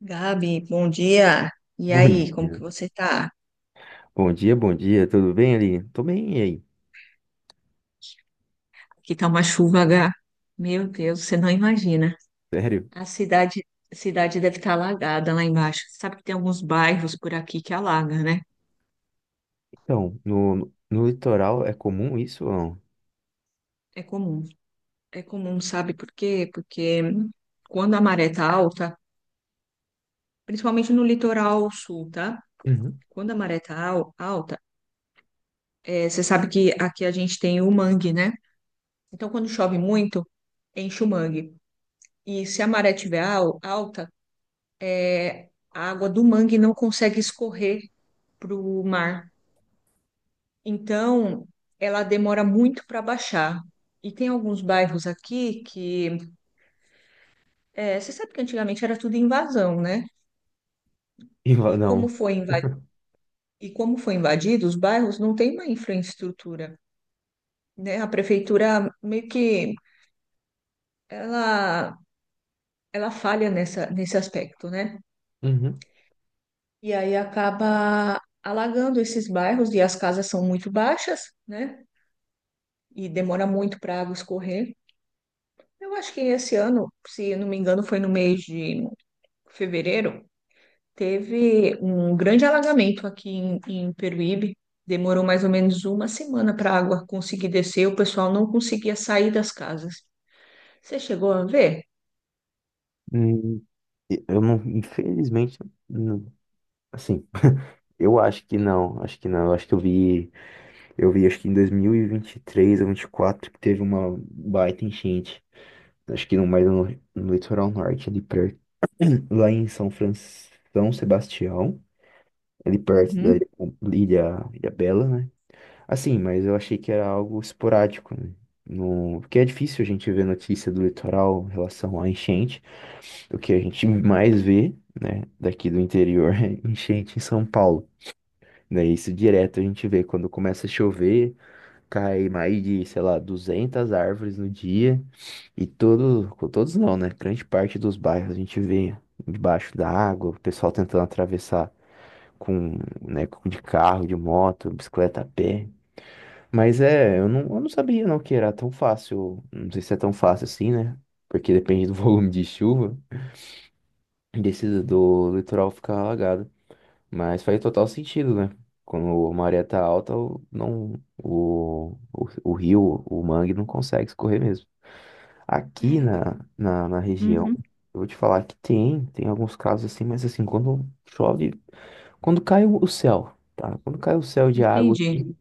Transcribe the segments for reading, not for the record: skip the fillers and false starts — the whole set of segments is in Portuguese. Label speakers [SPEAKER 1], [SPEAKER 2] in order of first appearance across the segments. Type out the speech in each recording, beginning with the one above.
[SPEAKER 1] Gabi, bom dia. E
[SPEAKER 2] Bom
[SPEAKER 1] aí, como que
[SPEAKER 2] dia.
[SPEAKER 1] você tá?
[SPEAKER 2] Bom dia, bom dia. Tudo bem, ali? Tô bem, e aí?
[SPEAKER 1] Aqui tá uma chuva, H. Meu Deus, você não imagina.
[SPEAKER 2] Sério?
[SPEAKER 1] A cidade, a cidade deve estar alagada lá embaixo. Sabe que tem alguns bairros por aqui que alaga, né?
[SPEAKER 2] Então, no litoral é comum isso ou não?
[SPEAKER 1] É comum. É comum, sabe por quê? Porque quando a maré tá alta, principalmente no litoral sul, tá?
[SPEAKER 2] Uhum.
[SPEAKER 1] Quando a maré tá alta, você sabe que aqui a gente tem o mangue, né? Então, quando chove muito, enche o mangue. E se a maré tiver alta, é, a água do mangue não consegue escorrer para o mar. Então, ela demora muito para baixar. E tem alguns bairros aqui que é, você sabe que antigamente era tudo invasão, né?
[SPEAKER 2] E
[SPEAKER 1] E
[SPEAKER 2] lá
[SPEAKER 1] como
[SPEAKER 2] não.
[SPEAKER 1] foi invadido, e como foi invadido, os bairros não têm uma infraestrutura, né? A prefeitura meio que ela, ela falha nesse aspecto, né?
[SPEAKER 2] Uhum.
[SPEAKER 1] E aí acaba alagando esses bairros e as casas são muito baixas, né? E demora muito para a água escorrer. Eu acho que esse ano, se não me engano, foi no mês de fevereiro, teve um grande alagamento aqui em Peruíbe. Demorou mais ou menos uma semana para a água conseguir descer, o pessoal não conseguia sair das casas. Você chegou a ver?
[SPEAKER 2] Hum, eu não, infelizmente, não- assim, eu acho que não, acho que não. Eu acho que eu vi acho que em 2023 ou 24 que teve uma baita enchente. Acho que no mais no litoral norte, ali perto, lá em São Sebastião, ali perto da
[SPEAKER 1] Uhum.
[SPEAKER 2] Ilha Bela, né? Assim, mas eu achei que era algo esporádico, né? No... Porque é difícil a gente ver notícia do litoral em relação à enchente. O que a gente mais vê, né, daqui do interior é enchente em São Paulo. Né? Isso direto a gente vê quando começa a chover, cai mais de, sei lá, 200 árvores no dia. E todos não, né? Grande parte dos bairros a gente vê debaixo da água, o pessoal tentando atravessar com, né, de carro, de moto, bicicleta a pé. Mas é, eu não sabia não que era tão fácil. Não sei se é tão fácil assim, né? Porque depende do volume de chuva, desse do litoral ficar alagado. Mas faz total sentido, né? Quando a maré tá alta, o- não, o rio, o mangue não consegue escorrer mesmo. Aqui
[SPEAKER 1] É,
[SPEAKER 2] na região,
[SPEAKER 1] uhum.
[SPEAKER 2] eu vou te falar que tem alguns casos assim, mas assim, quando chove, quando cai o céu, tá? Quando cai o céu de água
[SPEAKER 1] Entendi.
[SPEAKER 2] aqui,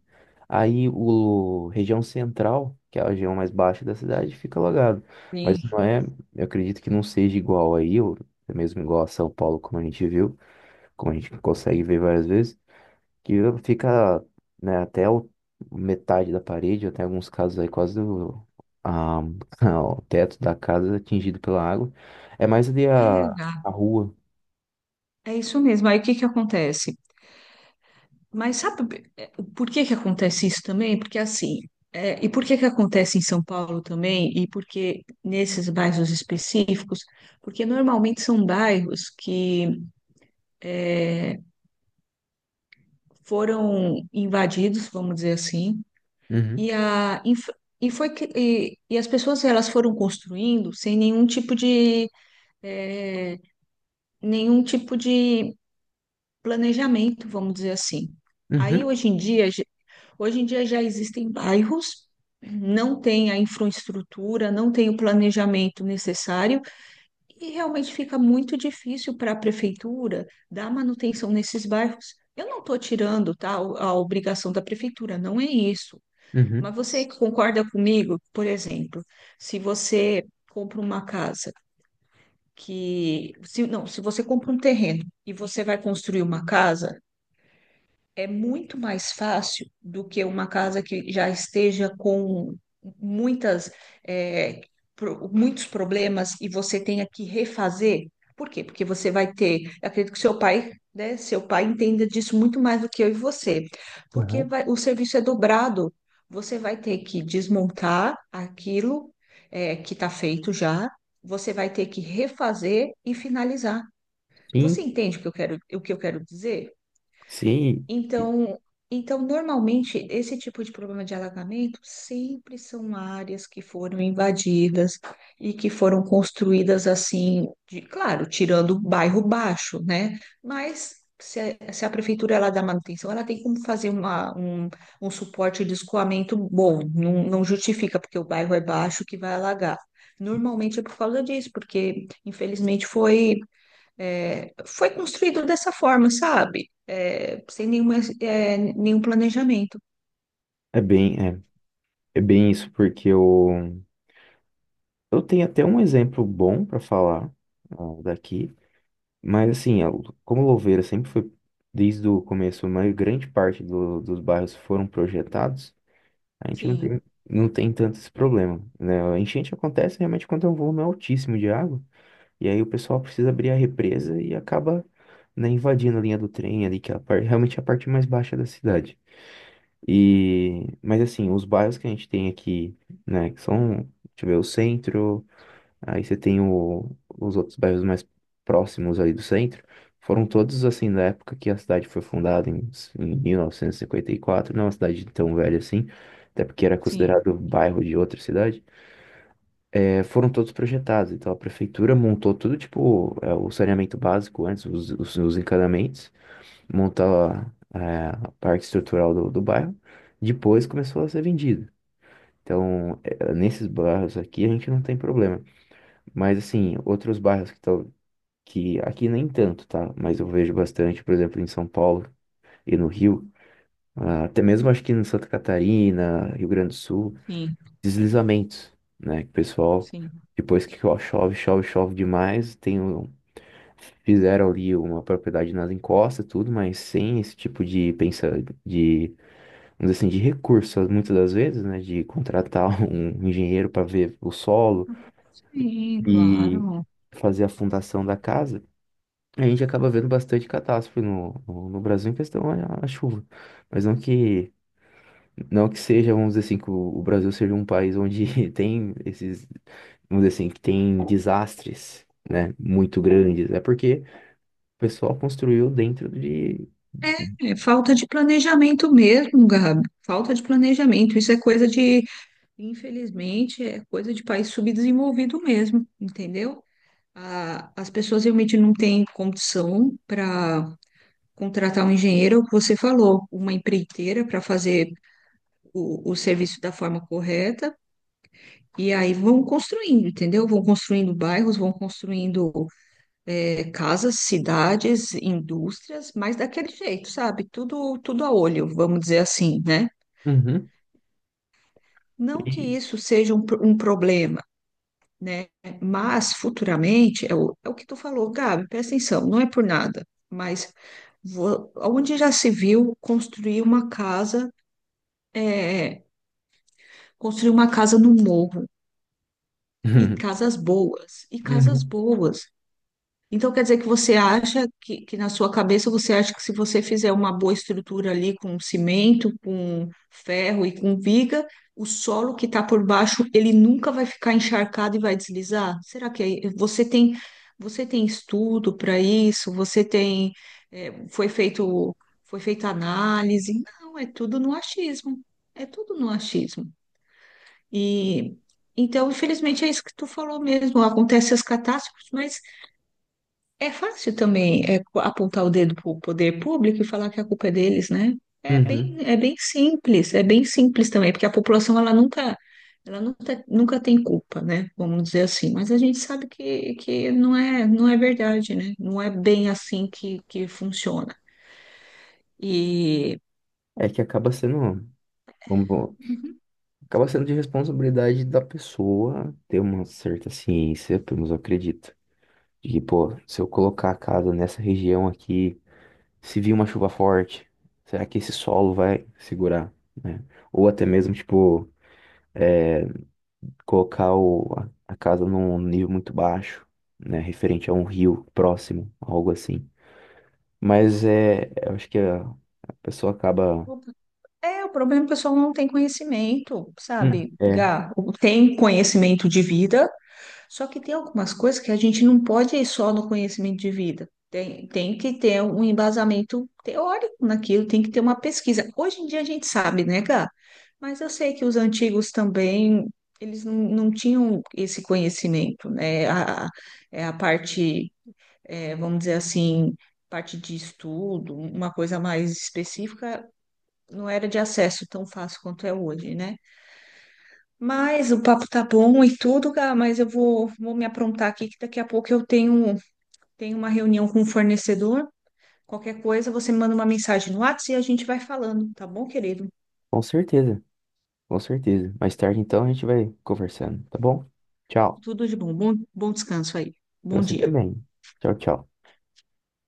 [SPEAKER 2] aí o região central, que é a região mais baixa da cidade, fica alagado. Mas
[SPEAKER 1] Sim.
[SPEAKER 2] não é, eu acredito que não seja igual aí, ou é mesmo igual a São Paulo, como a gente viu, como a gente consegue ver várias vezes, que fica, né, até metade da parede, até alguns casos aí quase a- o teto da casa é atingido pela água. É mais ali
[SPEAKER 1] É,
[SPEAKER 2] a rua.
[SPEAKER 1] é isso mesmo. Aí o que que acontece? Mas sabe por que que acontece isso também? Porque assim, e por que que acontece em São Paulo também? E por que nesses bairros específicos? Porque normalmente são bairros que eh, foram invadidos, vamos dizer assim,
[SPEAKER 2] Uhum,
[SPEAKER 1] e, a, inf- e, foi, que- e as pessoas elas foram construindo sem nenhum tipo de, eh, nenhum tipo de planejamento, vamos dizer assim. Aí
[SPEAKER 2] uhum,
[SPEAKER 1] hoje em dia Hoje em dia já existem bairros, não tem a infraestrutura, não tem o planejamento necessário, e realmente fica muito difícil para a prefeitura dar manutenção nesses bairros. Eu não estou tirando, tá, a obrigação da prefeitura, não é isso.
[SPEAKER 2] uhum,
[SPEAKER 1] Mas você que concorda comigo, por exemplo, se você compra uma casa que, se, não, se você compra um terreno e você vai construir uma casa, é muito mais fácil do que uma casa que já esteja com muitas, é, muitos problemas e você tenha que refazer. Por quê? Porque você vai ter, eu acredito que seu pai, né, seu pai entenda disso muito mais do que eu e você, porque
[SPEAKER 2] uhum.
[SPEAKER 1] o serviço é dobrado. Você vai ter que desmontar aquilo, é, que está feito já, você vai ter que refazer e finalizar.
[SPEAKER 2] Sim,
[SPEAKER 1] Você entende o que eu quero, o que eu quero dizer?
[SPEAKER 2] sim,
[SPEAKER 1] Então, então, normalmente, esse tipo de problema de alagamento sempre são áreas que foram invadidas e que foram construídas assim, claro, tirando o bairro baixo, né? Mas se a prefeitura ela dá manutenção, ela tem como fazer um suporte de escoamento bom, não justifica, porque o bairro é baixo que vai alagar. Normalmente é por causa disso, porque infelizmente foi. É, foi construído dessa forma, sabe? É, sem nenhuma, é, nenhum planejamento.
[SPEAKER 2] é bem, é, é bem isso, porque o eu tenho até um exemplo bom para falar, ah, daqui, mas assim, como Louveira sempre foi, desde o começo, uma grande parte dos bairros foram projetados, a gente não tem,
[SPEAKER 1] Sim,
[SPEAKER 2] não tem tanto esse problema, né? A enchente acontece realmente quando é um volume altíssimo de água, e aí o pessoal precisa abrir a represa e acaba, né, invadindo a linha do trem ali, que é a parte, realmente é a parte mais baixa da cidade. E, mas assim, os bairros que a gente tem aqui, né, que são, deixa eu ver, o centro. Aí você tem os outros bairros mais próximos ali do centro. Foram todos assim da época que a cidade foi fundada em, em 1954, não é uma cidade tão velha assim, até porque era
[SPEAKER 1] sim,
[SPEAKER 2] considerado bairro de outra cidade. É, foram todos projetados, então a prefeitura montou tudo, tipo, é, o saneamento básico antes, os, os encanamentos, montou a parte estrutural do bairro, depois começou a ser vendido. Então, é, nesses bairros aqui a gente não tem problema. Mas assim, outros bairros que aqui nem tanto, tá? Mas eu vejo bastante, por exemplo, em São Paulo e no Rio, ah, até mesmo acho que em Santa Catarina, Rio Grande do Sul,
[SPEAKER 1] sim,
[SPEAKER 2] deslizamentos, né? Que o pessoal,
[SPEAKER 1] sim.
[SPEAKER 2] depois que chove, chove, chove demais, fizeram ali uma propriedade nas encostas, tudo, mas sem esse tipo de pensa de, vamos dizer assim, de recursos, muitas das vezes, né? De contratar um engenheiro para ver o solo
[SPEAKER 1] Sim,
[SPEAKER 2] e
[SPEAKER 1] claro.
[SPEAKER 2] fazer a fundação da casa. A gente acaba vendo bastante catástrofe no Brasil em questão à chuva. Mas não que seja, vamos dizer assim, que o Brasil seja um país onde tem esses, vamos dizer assim, que tem desastres, né, muito grandes. É porque o pessoal construiu dentro de...
[SPEAKER 1] É falta de planejamento mesmo, Gabi. Falta de planejamento. Isso é coisa de, infelizmente, é coisa de país subdesenvolvido mesmo, entendeu? As pessoas realmente não têm condição para contratar um engenheiro, é o que você falou, uma empreiteira para fazer o serviço da forma correta. E aí vão construindo, entendeu? Vão construindo bairros, vão construindo casas, cidades, indústrias, mas daquele jeito, sabe? Tudo a olho, vamos dizer assim, né?
[SPEAKER 2] Uhum,
[SPEAKER 1] Não que
[SPEAKER 2] de-
[SPEAKER 1] isso seja um problema, né? Mas futuramente, é o que tu falou, Gabi, presta atenção, não é por nada, mas onde já se viu construir uma casa, eh, construir uma casa no morro, e casas boas, e casas
[SPEAKER 2] uhum,
[SPEAKER 1] boas. Então quer dizer que você acha que na sua cabeça você acha que se você fizer uma boa estrutura ali com cimento, com ferro e com viga, o solo que está por baixo ele nunca vai ficar encharcado e vai deslizar? Será que você tem estudo para isso? Você tem é, foi feita análise? Não, é tudo no achismo. É tudo no achismo. E então, infelizmente, é isso que tu falou mesmo. Acontecem as catástrofes, mas é fácil também é, apontar o dedo para o poder público e falar que a culpa é deles, né?
[SPEAKER 2] uhum.
[SPEAKER 1] É bem simples também, porque a população ela nunca tem culpa, né? Vamos dizer assim. Mas a gente sabe que não é, não é verdade, né? Não é bem assim que funciona. E
[SPEAKER 2] É que acaba sendo, vamos-
[SPEAKER 1] Uhum.
[SPEAKER 2] acaba sendo de responsabilidade da pessoa ter uma certa ciência, pelo menos eu acredito. De que, pô, se eu colocar a casa nessa região aqui... se vir uma chuva forte, será que esse solo vai segurar, né? Ou até mesmo, tipo, é, colocar o, a casa num nível muito baixo, né? Referente a um rio próximo, algo assim. Mas é, eu acho que a pessoa acaba.
[SPEAKER 1] Opa. É, o problema é que o pessoal não tem conhecimento,
[SPEAKER 2] Hum.
[SPEAKER 1] sabe,
[SPEAKER 2] É,
[SPEAKER 1] Gá? Tem conhecimento de vida, só que tem algumas coisas que a gente não pode ir só no conhecimento de vida. Tem que ter um embasamento teórico naquilo, tem que ter uma pesquisa. Hoje em dia a gente sabe, né, Gá? Mas eu sei que os antigos também, eles não tinham esse conhecimento, né? É a parte, é, vamos dizer assim, parte de estudo, uma coisa mais específica, não era de acesso tão fácil quanto é hoje, né? Mas o papo tá bom e tudo, Gá, mas eu vou me aprontar aqui que daqui a pouco eu tenho uma reunião com o fornecedor. Qualquer coisa, você me manda uma mensagem no WhatsApp e a gente vai falando, tá bom, querido?
[SPEAKER 2] com certeza, com certeza. Mais tarde, então, a gente vai conversando, tá bom? Tchau.
[SPEAKER 1] Tudo de bom. Bom descanso aí.
[SPEAKER 2] Pra
[SPEAKER 1] Bom
[SPEAKER 2] você
[SPEAKER 1] dia.
[SPEAKER 2] também. Tchau, tchau.